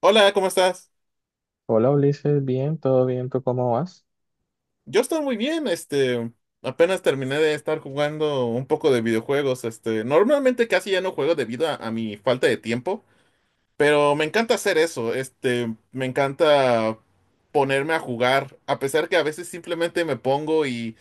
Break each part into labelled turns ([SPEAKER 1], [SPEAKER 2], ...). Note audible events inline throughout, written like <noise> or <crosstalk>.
[SPEAKER 1] Hola, ¿cómo estás?
[SPEAKER 2] Hola Ulises, bien, todo bien, ¿tú cómo vas?
[SPEAKER 1] Yo estoy muy bien, apenas terminé de estar jugando un poco de videojuegos, normalmente casi ya no juego debido a mi falta de tiempo, pero me encanta hacer eso, me encanta ponerme a jugar, a pesar que a veces simplemente me pongo y,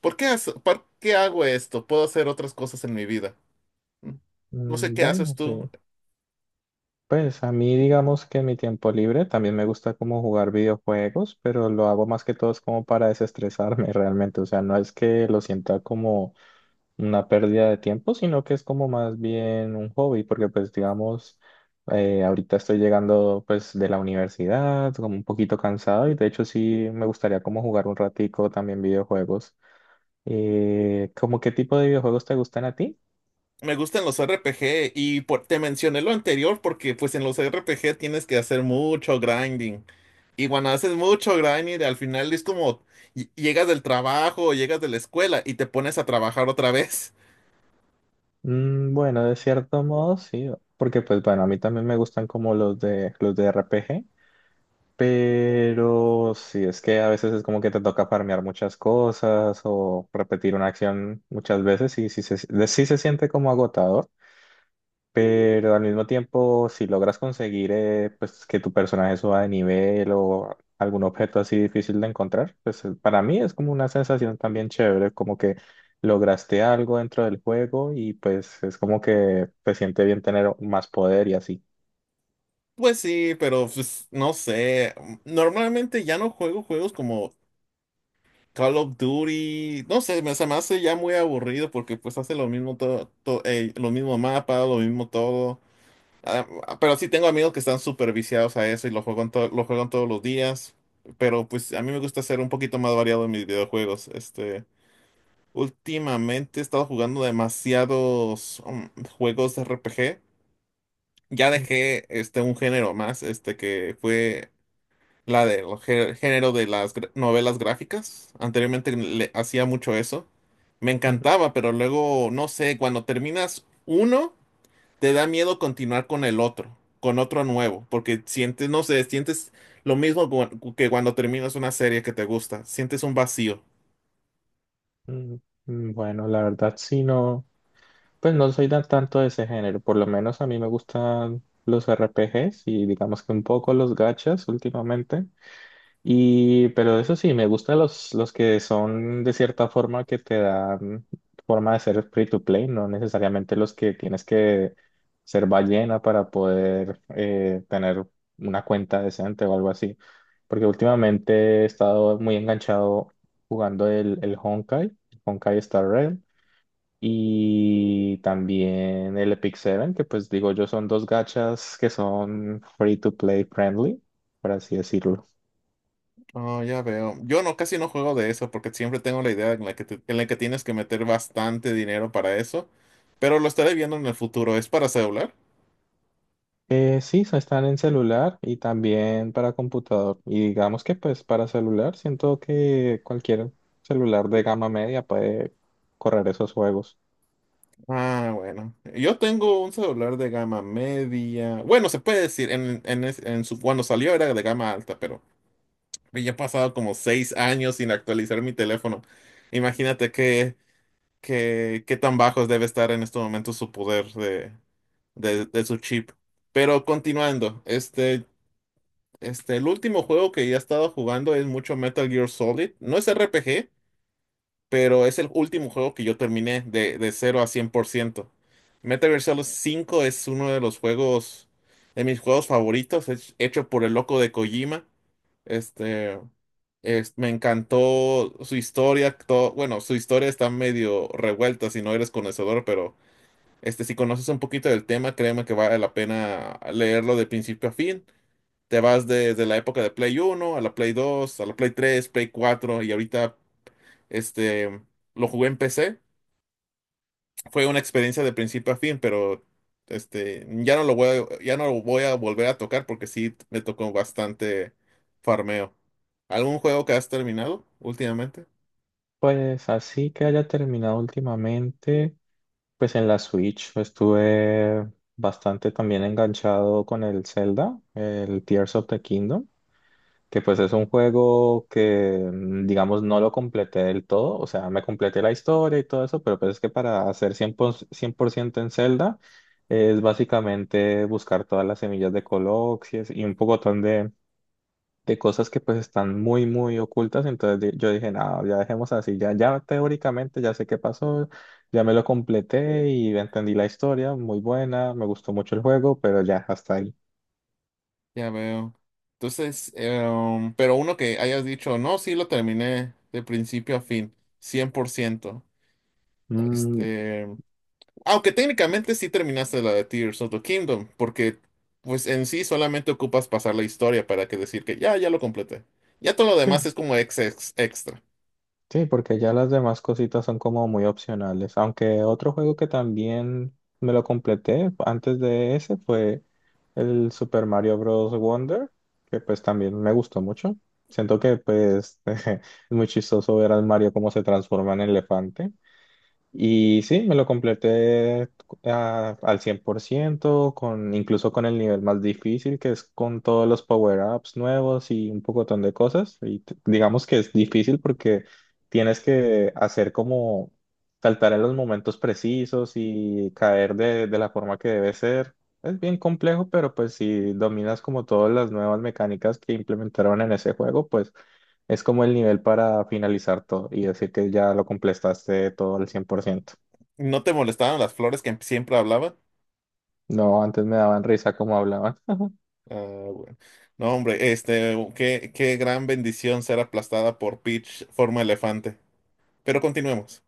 [SPEAKER 1] ¿ por qué hago esto? Puedo hacer otras cosas en mi vida. No sé
[SPEAKER 2] Mm,
[SPEAKER 1] qué haces
[SPEAKER 2] bueno, sí.
[SPEAKER 1] tú.
[SPEAKER 2] Pues a mí digamos que en mi tiempo libre también me gusta como jugar videojuegos, pero lo hago más que todo es como para desestresarme <laughs> realmente, o sea, no es que lo sienta como una pérdida de tiempo, sino que es como más bien un hobby, porque pues digamos, ahorita estoy llegando pues de la universidad, como un poquito cansado y de hecho sí me gustaría como jugar un ratico también videojuegos. ¿Cómo qué tipo de videojuegos te gustan a ti?
[SPEAKER 1] Me gustan los RPG te mencioné lo anterior porque pues en los RPG tienes que hacer mucho grinding. Y cuando haces mucho grinding, al final es como llegas del trabajo, o llegas de la escuela y te pones a trabajar otra vez. <laughs>
[SPEAKER 2] Mm, bueno, de cierto modo sí, porque pues bueno, a mí también me gustan como los de RPG, pero sí, es que a veces es como que te toca farmear muchas cosas o repetir una acción muchas veces y sí se siente como agotador, pero al mismo tiempo, si logras conseguir pues que tu personaje suba de nivel o algún objeto así difícil de encontrar, pues para mí es como una sensación también chévere, como que lograste algo dentro del juego y pues es como que te siente bien tener más poder y así.
[SPEAKER 1] Pues sí, pero pues no sé. Normalmente ya no juego juegos como Call of Duty. No sé, se me hace ya muy aburrido porque pues hace lo mismo todo, lo mismo mapa, lo mismo todo. Ah, pero sí tengo amigos que están súper viciados a eso y lo juegan, lo juegan todos los días. Pero pues a mí me gusta ser un poquito más variado en mis videojuegos. Últimamente he estado jugando demasiados juegos de RPG. Ya
[SPEAKER 2] Mm,
[SPEAKER 1] dejé un género más, este que fue la del género de las novelas gráficas. Anteriormente le hacía mucho eso. Me
[SPEAKER 2] ujú,
[SPEAKER 1] encantaba, pero luego, no sé, cuando terminas uno te da miedo continuar con el otro, con otro nuevo, porque sientes, no sé, sientes lo mismo que cuando terminas una serie que te gusta, sientes un vacío.
[SPEAKER 2] mm, mm, bueno, la verdad sí no, pues no soy tanto de ese género, por lo menos a mí me gustan los RPGs y digamos que un poco los gachas últimamente. Y, pero eso sí, me gustan los que son de cierta forma que te dan forma de ser free to play, no necesariamente los que tienes que ser ballena para poder tener una cuenta decente o algo así. Porque últimamente he estado muy enganchado jugando el Honkai, Honkai Star Rail, y también el Epic Seven, que pues digo yo son dos gachas que son free to play friendly, por así decirlo.
[SPEAKER 1] Oh, ya veo. Yo no, casi no juego de eso porque siempre tengo la idea en la que, en la que tienes que meter bastante dinero para eso, pero lo estaré viendo en el futuro. ¿Es para celular?
[SPEAKER 2] Sí, están en celular y también para computador. Y digamos que pues para celular siento que cualquier celular de gama media puede correr esos juegos.
[SPEAKER 1] Ah, bueno. Yo tengo un celular de gama media. Bueno, se puede decir, en su, cuando salió era de gama alta, pero ya he pasado como seis años sin actualizar mi teléfono. Imagínate qué tan bajos debe estar en este momento su poder de su chip. Pero continuando, el último juego que ya he estado jugando es mucho Metal Gear Solid. No es RPG, pero es el último juego que yo terminé de cero a 100%. Metal Gear Solid 5 es uno de los juegos, de mis juegos favoritos, es hecho por el loco de Kojima. Este, Me encantó su historia. Bueno, su historia está medio revuelta si no eres conocedor, pero si conoces un poquito del tema, créeme que vale la pena leerlo de principio a fin. Te vas desde la época de Play uno a la Play 2 a la Play 3 Play 4 y ahorita este, lo jugué en PC. Fue una experiencia de principio a fin, pero ya no lo voy a volver a tocar porque sí me tocó bastante farmeo. ¿Algún juego que has terminado últimamente?
[SPEAKER 2] Pues así que haya terminado últimamente, pues en la Switch estuve bastante también enganchado con el Zelda, el Tears of the Kingdom. Que pues es un juego que, mm, digamos, no lo completé del todo, o sea, me completé la historia y todo eso, pero pues es que para hacer cien por ciento, cien por ciento en Zelda es básicamente buscar todas las semillas de Coloxies y un pocotón de cosas que pues están muy ocultas, entonces yo dije, no, ya dejemos así, ya, ya teóricamente ya sé qué pasó, ya me lo completé y entendí la historia, muy buena, me gustó mucho el juego, pero ya hasta ahí.
[SPEAKER 1] Ya veo. Entonces, pero uno que hayas dicho, no, sí lo terminé de principio a fin, 100%.
[SPEAKER 2] Mm,
[SPEAKER 1] Este, Aunque técnicamente sí terminaste la de Tears of the Kingdom, porque pues en sí solamente ocupas pasar la historia para que decir que ya lo completé. Ya todo lo demás
[SPEAKER 2] sí.
[SPEAKER 1] es como extra.
[SPEAKER 2] Sí, porque ya las demás cositas son como muy opcionales. Aunque otro juego que también me lo completé antes de ese fue el Super Mario Bros. Wonder, que pues también me gustó mucho. Siento que pues <laughs> es muy chistoso ver al Mario cómo se transforma en elefante. Y sí, me lo completé al 100%, con, incluso con el nivel más difícil, que es con todos los power-ups nuevos y un pocotón de cosas. Y digamos que es difícil porque tienes que hacer como saltar en los momentos precisos y caer de la forma que debe ser. Es bien complejo, pero pues si dominas como todas las nuevas mecánicas que implementaron en ese juego, pues es como el nivel para finalizar todo y decir que ya lo completaste todo al 100%.
[SPEAKER 1] ¿No te molestaron las flores que siempre hablaba?
[SPEAKER 2] No, antes me daban risa como hablaban. <laughs>
[SPEAKER 1] Ah, bueno. No, hombre, qué gran bendición ser aplastada por Peach forma elefante. Pero continuemos.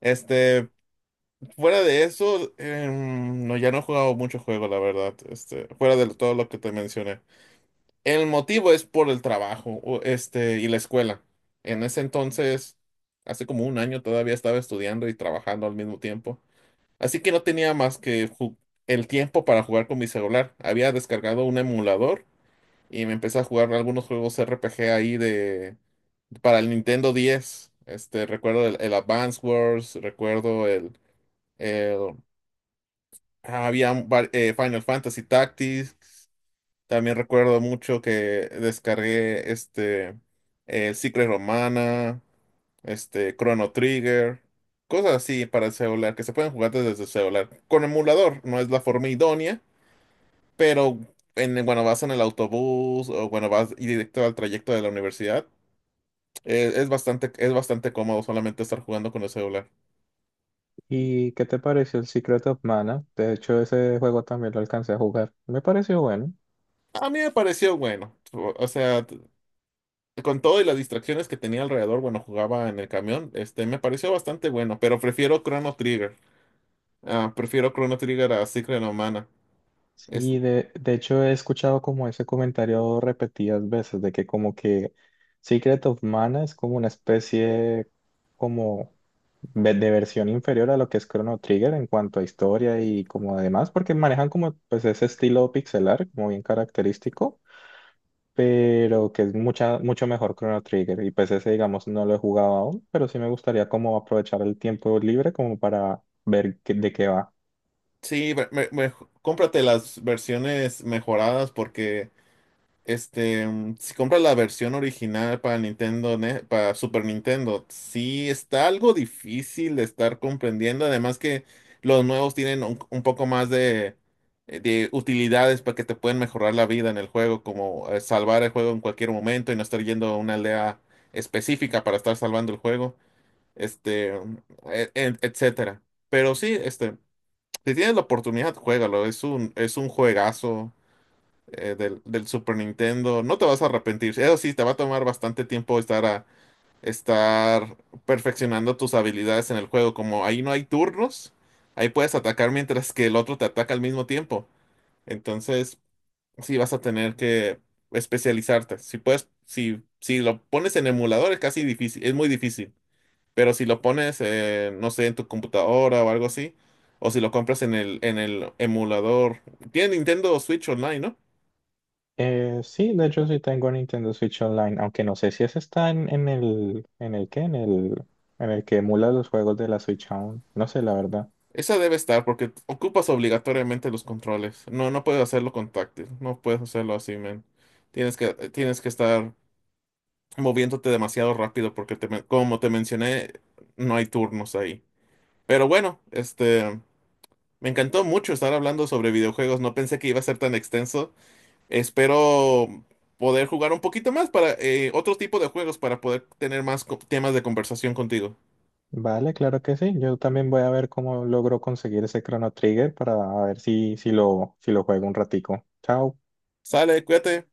[SPEAKER 1] Este, Fuera de eso, no, ya no he jugado mucho juego, la verdad. Fuera de todo lo que te mencioné. El motivo es por el trabajo, y la escuela. En ese entonces, hace como un año todavía estaba estudiando y trabajando al mismo tiempo. Así que no tenía más que el tiempo para jugar con mi celular. Había descargado un emulador y me empecé a jugar algunos juegos RPG ahí de para el Nintendo 10. Recuerdo el Advance Wars, recuerdo el- ah, había Final Fantasy Tactics, también recuerdo mucho que descargué Secret Romana, Chrono Trigger, cosas así para el celular que se pueden jugar desde el celular. Con emulador no es la forma idónea, pero cuando vas en el autobús o cuando vas directo al trayecto de la universidad, es bastante cómodo solamente estar jugando con el celular.
[SPEAKER 2] ¿Y qué te pareció el Secret of Mana? De hecho, ese juego también lo alcancé a jugar. Me pareció bueno.
[SPEAKER 1] A mí me pareció bueno, o sea, con todo y las distracciones que tenía alrededor, bueno, jugaba en el camión, me pareció bastante bueno, pero prefiero Chrono Trigger. Ah, prefiero Chrono Trigger a Secret of Mana. Es,
[SPEAKER 2] Sí, de hecho he escuchado como ese comentario repetidas veces de que como que Secret of Mana es como una especie como de versión inferior a lo que es Chrono Trigger en cuanto a historia y como demás, porque manejan como pues ese estilo pixelar como bien característico, pero que es mucho mejor Chrono Trigger y pues ese digamos no lo he jugado aún, pero sí me gustaría como aprovechar el tiempo libre como para ver de qué va.
[SPEAKER 1] sí, cómprate las versiones mejoradas porque si compras la versión original para para Super Nintendo, sí está algo difícil de estar comprendiendo. Además que los nuevos tienen un poco más de utilidades para que te pueden mejorar la vida en el juego, como salvar el juego en cualquier momento y no estar yendo a una aldea específica para estar salvando el juego, este, mm, etcétera. Pero sí, si tienes la oportunidad, juégalo. Es un juegazo del Super Nintendo. No te vas a arrepentir. Eso sí, te va a tomar bastante tiempo estar perfeccionando tus habilidades en el juego. Como ahí no hay turnos, ahí puedes atacar mientras que el otro te ataca al mismo tiempo. Entonces, sí vas a tener que especializarte. Si puedes, si lo pones en emulador es casi difícil, es muy difícil. Pero si lo pones, no sé, en tu computadora o algo así, o si lo compras en en el emulador. Tiene Nintendo Switch Online, ¿no?
[SPEAKER 2] Sí, de hecho sí tengo Nintendo Switch Online, aunque no sé si ese está en el que emula los juegos de la Switch aún. No sé, la verdad.
[SPEAKER 1] Esa debe estar porque ocupas obligatoriamente los controles. No, no puedes hacerlo con táctil. No puedes hacerlo así, man. Tienes que estar moviéndote demasiado rápido porque como te mencioné, no hay turnos ahí. Pero bueno, me encantó mucho estar hablando sobre videojuegos. No pensé que iba a ser tan extenso. Espero poder jugar un poquito más para otro tipo de juegos para poder tener más temas de conversación contigo.
[SPEAKER 2] Vale, claro que sí. Yo también voy a ver cómo logro conseguir ese Chrono Trigger para ver si lo juego un ratico. Chao.
[SPEAKER 1] Sale, cuídate.